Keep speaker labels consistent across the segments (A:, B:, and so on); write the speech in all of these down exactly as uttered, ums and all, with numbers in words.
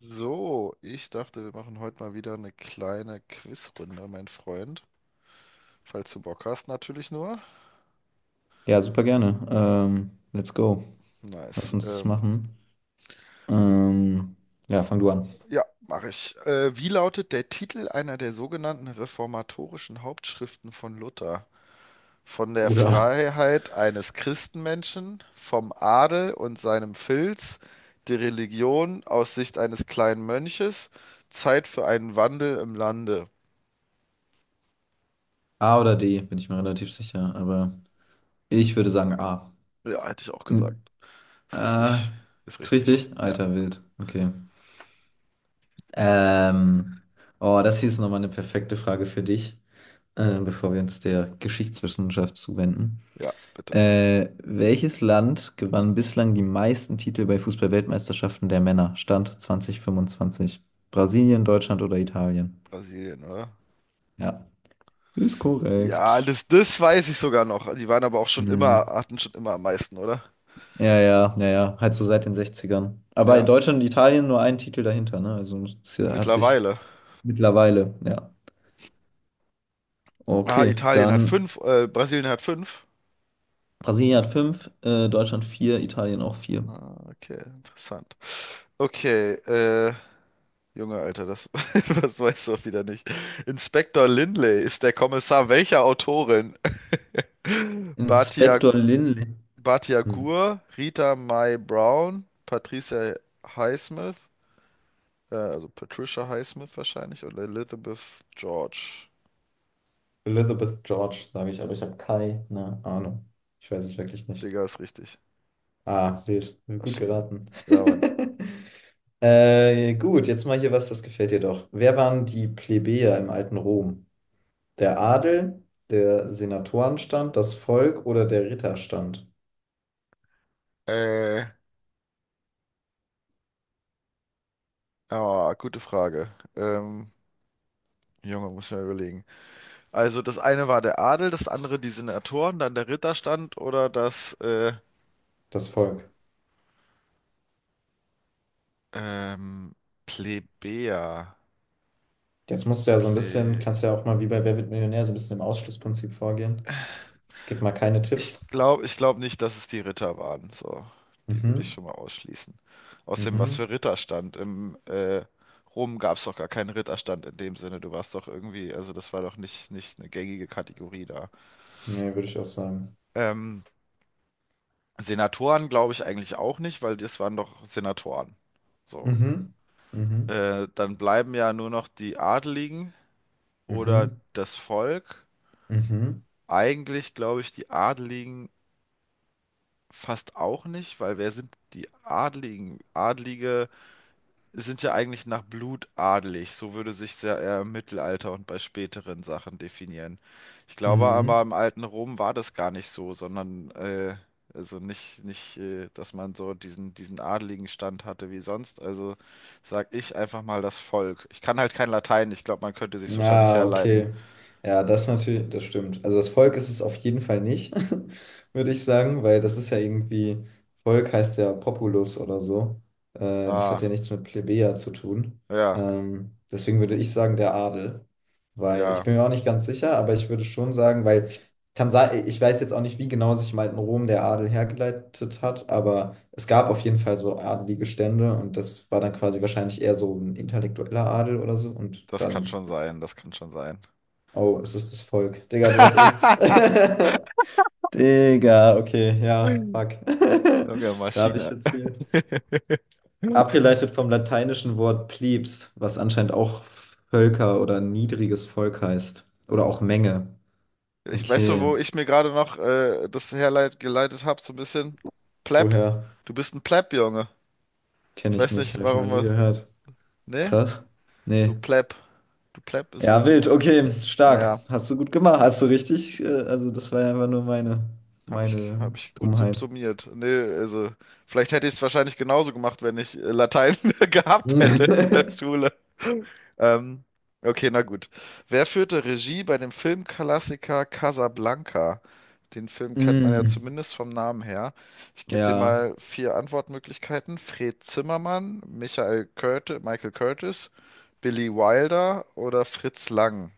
A: So, ich dachte, wir machen heute mal wieder eine kleine Quizrunde, mein Freund. Falls du Bock hast, natürlich nur.
B: Ja, super gerne. Ähm, let's go. Lass
A: Nice.
B: uns das
A: Ähm,
B: machen.
A: s-
B: Ähm, ja, fang du an.
A: ja, mache ich. Äh, wie lautet der Titel einer der sogenannten reformatorischen Hauptschriften von Luther? Von der
B: Oder
A: Freiheit eines Christenmenschen, vom Adel und seinem Filz, die Religion aus Sicht eines kleinen Mönches, Zeit für einen Wandel im Lande.
B: A oder D, bin ich mir relativ sicher, aber ich würde sagen A.
A: Ja, hätte ich auch gesagt.
B: Hm,
A: Ist
B: äh,
A: richtig. Ist
B: ist
A: richtig.
B: richtig?
A: Ja.
B: Alter, wild. Okay. Ähm, oh, das hier ist nochmal eine perfekte Frage für dich, äh, bevor wir uns der Geschichtswissenschaft zuwenden.
A: Ja, bitte.
B: Äh, welches Land gewann bislang die meisten Titel bei Fußball-Weltmeisterschaften der Männer? Stand zwanzig fünfundzwanzig. Brasilien, Deutschland oder Italien?
A: Brasilien, oder?
B: Ja. Ist
A: Ja,
B: korrekt.
A: das, das weiß ich sogar noch. Die waren aber auch schon
B: Nee, nee.
A: immer, hatten schon immer am meisten, oder?
B: Ja, ja, ja, ja. Halt so seit den Sechzigern. Aber in
A: Ja,
B: Deutschland und Italien nur ein Titel dahinter, ne? Also es hat sich
A: mittlerweile.
B: mittlerweile, ja.
A: Ah,
B: Okay,
A: Italien hat
B: dann
A: fünf, äh, Brasilien hat fünf.
B: Brasilien hat
A: Ja.
B: fünf, äh, Deutschland vier, Italien auch vier.
A: Ah, okay, interessant. Okay, äh, Junge, Alter, das, das weißt du auch wieder nicht. Inspektor Lindley ist der Kommissar welcher Autorin? Batia,
B: Inspektor Lindley.
A: Batia
B: Hm.
A: Gur, Rita Mae Brown, Patricia Highsmith. Ja, also Patricia Highsmith wahrscheinlich oder Elizabeth George.
B: Elizabeth George, sage ich, aber ich habe keine Ahnung. Ich weiß es wirklich nicht.
A: Digga, ist richtig.
B: Ah, wild. Gut
A: Maschine.
B: geraten.
A: Ja, Mann.
B: Äh, gut, jetzt mal hier was, das gefällt dir doch. Wer waren die Plebejer im alten Rom? Der Adel, der Senatorenstand, das Volk oder der Ritterstand?
A: Äh, oh, gute Frage. Ähm, Junge, muss ich mal überlegen. Also das eine war der Adel, das andere die Senatoren, dann der Ritterstand oder das äh,
B: Das Volk.
A: ähm, Plebejer.
B: Jetzt musst du ja so ein bisschen, kannst ja auch mal wie bei Wer wird Millionär so ein bisschen im Ausschlussprinzip vorgehen. Gib mal keine
A: Ich
B: Tipps.
A: glaube, ich glaube nicht, dass es die Ritter waren. So, die würde ich
B: Mhm,
A: schon mal ausschließen. Außerdem, was für
B: mhm.
A: Ritterstand? Im äh, Rom gab es doch gar keinen Ritterstand in dem Sinne. Du warst doch irgendwie, also das war doch nicht, nicht eine gängige Kategorie da.
B: Nee, würde ich auch sagen.
A: Ähm, Senatoren glaube ich eigentlich auch nicht, weil das waren doch Senatoren. So.
B: Mhm, mhm,
A: Äh, dann bleiben ja nur noch die Adeligen oder
B: mhm,
A: das Volk.
B: mhm.
A: Eigentlich glaube ich die Adeligen fast auch nicht, weil wer sind die Adeligen? Adelige sind ja eigentlich nach Blut adelig. So würde sich ja eher im Mittelalter und bei späteren Sachen definieren. Ich glaube aber
B: Mhm.
A: im alten Rom war das gar nicht so, sondern äh, also nicht, nicht, äh, dass man so diesen, diesen adeligen Stand hatte wie sonst. Also sag ich einfach mal das Volk. Ich kann halt kein Latein, ich glaube, man könnte sich wahrscheinlich
B: Ja,
A: herleiten.
B: okay. Ja, das natürlich, das stimmt. Also das Volk ist es auf jeden Fall nicht, würde ich sagen, weil das ist ja irgendwie, Volk heißt ja Populus oder so. Äh, das hat ja
A: Ah,
B: nichts mit Plebejer zu tun.
A: ja,
B: Ähm, deswegen würde ich sagen, der Adel. Weil ich
A: ja,
B: bin mir auch nicht ganz sicher, aber ich würde schon sagen, weil kann sein, ich weiß jetzt auch nicht, wie genau sich im alten Rom der Adel hergeleitet hat, aber es gab auf jeden Fall so adelige Stände und das war dann quasi wahrscheinlich eher so ein intellektueller Adel oder so und
A: das kann
B: dann
A: schon sein, das kann schon sein.
B: oh, es ist das Volk. Digga, du hast echt. Digga, okay, ja, fuck.
A: Junge
B: Da habe ich
A: Maschine.
B: jetzt hier. Abgeleitet vom lateinischen Wort plebs, was anscheinend auch Völker oder niedriges Volk heißt. Oder auch Menge.
A: Ich weiß so,
B: Okay.
A: wo ich mir gerade noch äh, das herleit geleitet habe, so ein bisschen? Pleb.
B: Woher?
A: Du bist ein Pleb, Junge.
B: Kenne
A: Ich
B: ich
A: weiß
B: nicht,
A: nicht,
B: habe ich noch
A: warum
B: nie
A: wir-
B: gehört.
A: ne?
B: Krass.
A: Du
B: Nee.
A: Pleb. Du Pleb ist so,
B: Ja, wild,
A: du.
B: okay, stark.
A: Naja,
B: Hast du gut gemacht. Hast du richtig? äh, Also, das war ja einfach nur meine,
A: habe ich,
B: meine
A: hab ich gut sub-
B: Dummheit.
A: summiert. Ne, also, vielleicht hätte ich es wahrscheinlich genauso gemacht, wenn ich äh, Latein gehabt hätte in der Schule. Ähm, okay, na gut. Wer führte Regie bei dem Filmklassiker Casablanca? Den Film kennt man ja
B: Mm,
A: zumindest vom Namen her. Ich gebe dir
B: ja.
A: mal vier Antwortmöglichkeiten. Fred Zimmermann, Michael Curti- Michael Curtis, Billy Wilder oder Fritz Lang.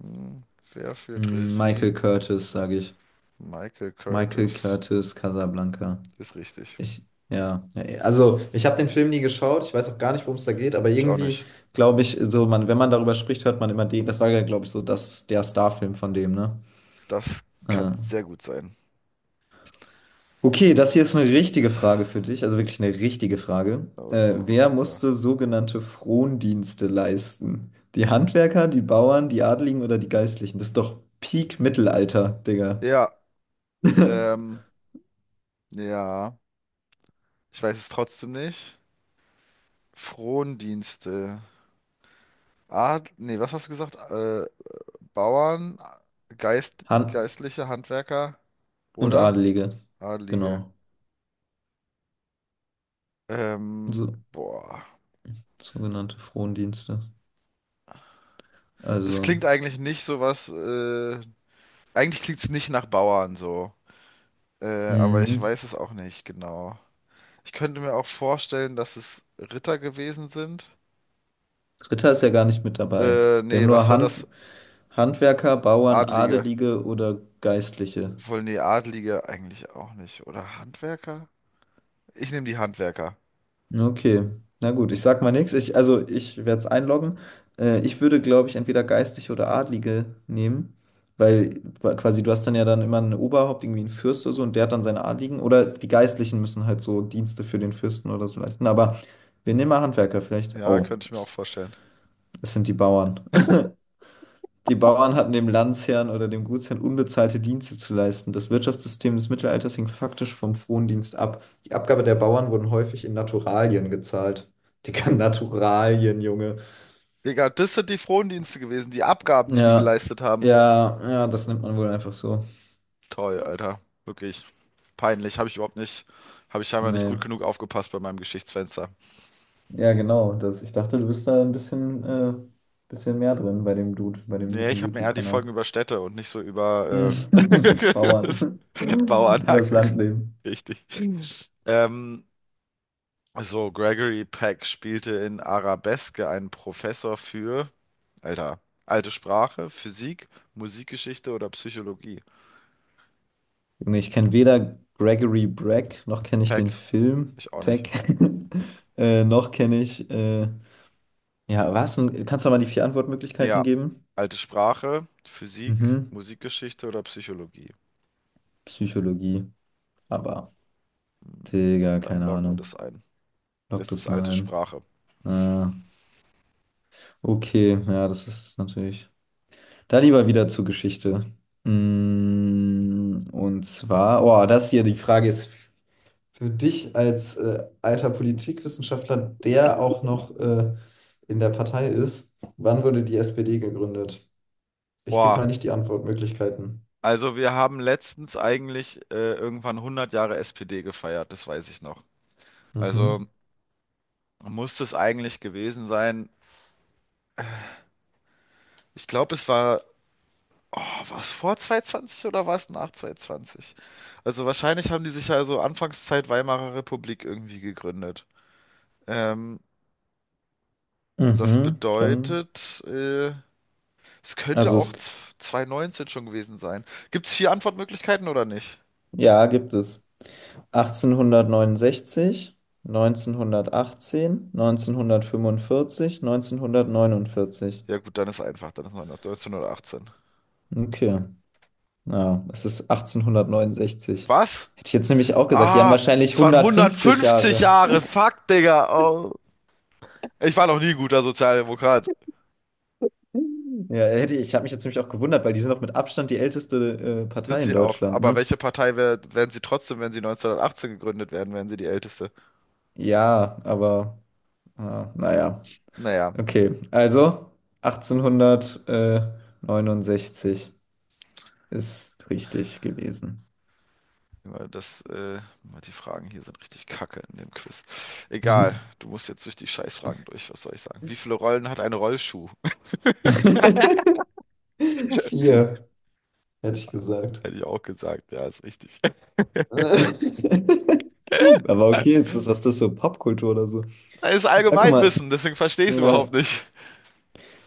A: Hm, wer führt
B: Mm, Michael
A: Regie?
B: Curtis, sage ich.
A: Michael
B: Michael
A: Curtis.
B: Curtis, Casablanca.
A: Ist richtig.
B: Ich, ja, ja, also ich habe den Film nie geschaut, ich weiß auch gar nicht, worum es da geht, aber
A: Ich auch
B: irgendwie
A: nicht.
B: glaube ich, so man, wenn man darüber spricht, hört man immer den. Das war ja, glaube ich, so das, der Starfilm von dem, ne?
A: Das kann
B: Äh.
A: sehr gut sein.
B: Okay, das hier ist eine richtige Frage für dich, also wirklich eine richtige Frage. Äh,
A: Also,
B: wer
A: super.
B: musste sogenannte Frondienste leisten? Die Handwerker, die Bauern, die Adligen oder die Geistlichen? Das ist doch Peak-Mittelalter, Digga.
A: Ja, ähm, ja. Ich weiß es trotzdem nicht. Frondienste. Ah, nee, was hast du gesagt? Äh, Bauern, Geist,
B: Han
A: geistliche, Handwerker
B: Und
A: oder
B: Adelige,
A: Adlige.
B: genau.
A: Ähm,
B: So,
A: boah.
B: sogenannte Frondienste.
A: Das
B: Also,
A: klingt eigentlich nicht so was, äh, eigentlich klingt's nicht nach Bauern so. Äh, aber ich
B: mhm.
A: weiß es auch nicht genau. Ich könnte mir auch vorstellen, dass es Ritter gewesen sind.
B: Ritter ist ja gar nicht mit dabei.
A: Äh,
B: Wir haben
A: nee,
B: nur
A: was war
B: Hand,
A: das?
B: Handwerker, Bauern,
A: Adlige.
B: Adelige oder Geistliche.
A: Wohl, nee, Adlige eigentlich auch nicht. Oder Handwerker? Ich nehme die Handwerker.
B: Okay, na gut, ich sag mal nichts. Ich, also ich werde es einloggen. Äh, ich würde, glaube ich, entweder geistliche oder Adlige nehmen, weil qua- quasi du hast dann ja dann immer ein Oberhaupt, irgendwie einen Fürst oder so, und der hat dann seine Adligen. Oder die Geistlichen müssen halt so Dienste für den Fürsten oder so leisten. Aber wir nehmen mal Handwerker vielleicht.
A: Ja,
B: Oh,
A: könnte ich mir auch
B: es,
A: vorstellen.
B: es sind die Bauern. Die Bauern hatten dem Landesherrn oder dem Gutsherrn unbezahlte Dienste zu leisten. Das Wirtschaftssystem des Mittelalters hing faktisch vom Frondienst ab. Die Abgabe der Bauern wurden häufig in Naturalien gezahlt. Digga, Naturalien, Junge.
A: Digga, das sind die Frondienste gewesen, die Abgaben, die die
B: Ja,
A: geleistet haben.
B: ja, ja, das nimmt man wohl einfach so.
A: Toll, Alter. Wirklich peinlich. Habe ich überhaupt nicht, habe ich scheinbar nicht
B: Nee.
A: gut genug aufgepasst bei meinem Geschichtsfenster.
B: Ja, genau. Das, ich dachte, du bist da ein bisschen, äh, bisschen mehr drin bei dem Dude, bei dem
A: Nee,
B: mit dem
A: ich habe mir eher die Folgen
B: YouTube-Kanal.
A: über Städte und nicht so über äh, das
B: Bauern.
A: Bauern
B: Übers
A: angeguckt.
B: Landleben.
A: Richtig. Ähm, so, Gregory Peck spielte in Arabeske einen Professor für, Alter, alte Sprache, Physik, Musikgeschichte oder Psychologie.
B: Junge, ich kenne weder Gregory Breck, noch kenne ich den
A: Peck,
B: Film
A: ich auch nicht.
B: Peck, äh, noch kenne ich. Äh, ja, was? Denn? Kannst du noch mal die vier Antwortmöglichkeiten
A: Ja,
B: geben?
A: alte Sprache, Physik,
B: Mhm.
A: Musikgeschichte oder Psychologie.
B: Psychologie. Aber, Digga,
A: Dann
B: keine
A: loggen wir
B: Ahnung.
A: das ein. Und
B: Lock
A: das
B: das
A: ist alte
B: mal ein.
A: Sprache.
B: Ah, okay, ja, das ist natürlich. Da lieber wieder zur Geschichte. Mm, und zwar, oh, das hier, die Frage ist. Für dich als äh, alter Politikwissenschaftler, der auch noch äh, in der Partei ist, wann wurde die S P D gegründet? Ich gebe mal
A: Boah,
B: nicht die Antwortmöglichkeiten.
A: also wir haben letztens eigentlich äh, irgendwann hundert Jahre S P D gefeiert, das weiß ich noch. Also
B: Mhm.
A: muss das eigentlich gewesen sein. Ich glaube, es war, oh, war es vor zweihundertzwanzig oder war es nach zweihundertzwanzig? Also wahrscheinlich haben die sich ja so Anfangszeit Weimarer Republik irgendwie gegründet. Ähm, das
B: Mhm, kann.
A: bedeutet, äh, Es könnte
B: Also
A: auch
B: es,
A: z- zwanzig neunzehn schon gewesen sein. Gibt es vier Antwortmöglichkeiten oder nicht?
B: ja, gibt es. achtzehnhundertneunundsechzig, neunzehnhundertachtzehn, neunzehnhundertfünfundvierzig, neunzehnhundertneunundvierzig.
A: Ja gut, dann ist einfach. Dann ist neunzehnhundertachtzehn.
B: Okay. Ja, es ist achtzehnhundertneunundsechzig.
A: Was?
B: Hätte ich jetzt nämlich auch gesagt, die haben
A: Ah,
B: wahrscheinlich
A: es waren
B: hundertfünfzig
A: hundertfünfzig
B: Jahre.
A: Jahre. Fuck, Digga. Oh. Ich war noch nie ein guter Sozialdemokrat.
B: Ja, hätte ich, ich habe mich jetzt nämlich auch gewundert, weil die sind doch mit Abstand die älteste äh,
A: Sind
B: Partei in
A: sie auch.
B: Deutschland,
A: Aber
B: ne?
A: welche Partei wär, wären sie trotzdem, wenn sie neunzehnhundertachtzehn gegründet werden, wären sie die älteste?
B: Ja, aber äh, naja.
A: Naja,
B: Okay, also achtzehnhundertneunundsechzig ist richtig gewesen.
A: immer das, äh, die Fragen hier sind richtig kacke in dem Quiz. Egal,
B: Mhm.
A: du musst jetzt durch die Scheißfragen durch, was soll ich sagen? Wie viele Rollen hat ein Rollschuh?
B: Vier, hätte ich gesagt.
A: Hätte ich auch gesagt, ja, ist richtig.
B: Aber okay, ist das, was ist das so Popkultur oder so?
A: Das ist
B: Ah, guck mal.
A: Allgemeinwissen, deswegen verstehe ich es
B: Äh,
A: überhaupt nicht.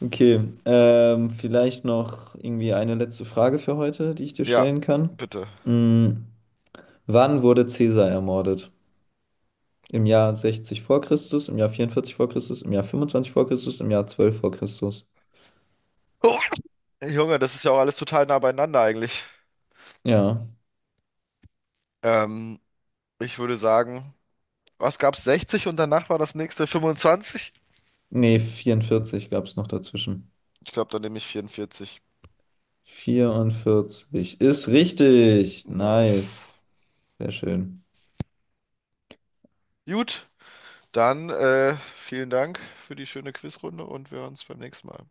B: Okay, ähm, vielleicht noch irgendwie eine letzte Frage für heute, die ich dir
A: Ja,
B: stellen kann.
A: bitte.
B: Mm, wann wurde Caesar ermordet? Im Jahr sechzig vor Christus, im Jahr vierundvierzig vor Christus, im Jahr fünfundzwanzig vor Christus, im Jahr zwölf vor Christus.
A: Oh, Junge, das ist ja auch alles total nah beieinander eigentlich.
B: Ja,
A: Ähm, ich würde sagen, was gab's sechzig und danach war das nächste fünfundzwanzig?
B: nee, vierundvierzig gab es noch dazwischen.
A: Ich glaube, dann nehme ich vierundvierzig.
B: vierundvierzig ist richtig.
A: Nice.
B: Nice. Sehr schön.
A: Gut, dann äh, vielen Dank für die schöne Quizrunde und wir hören uns beim nächsten Mal.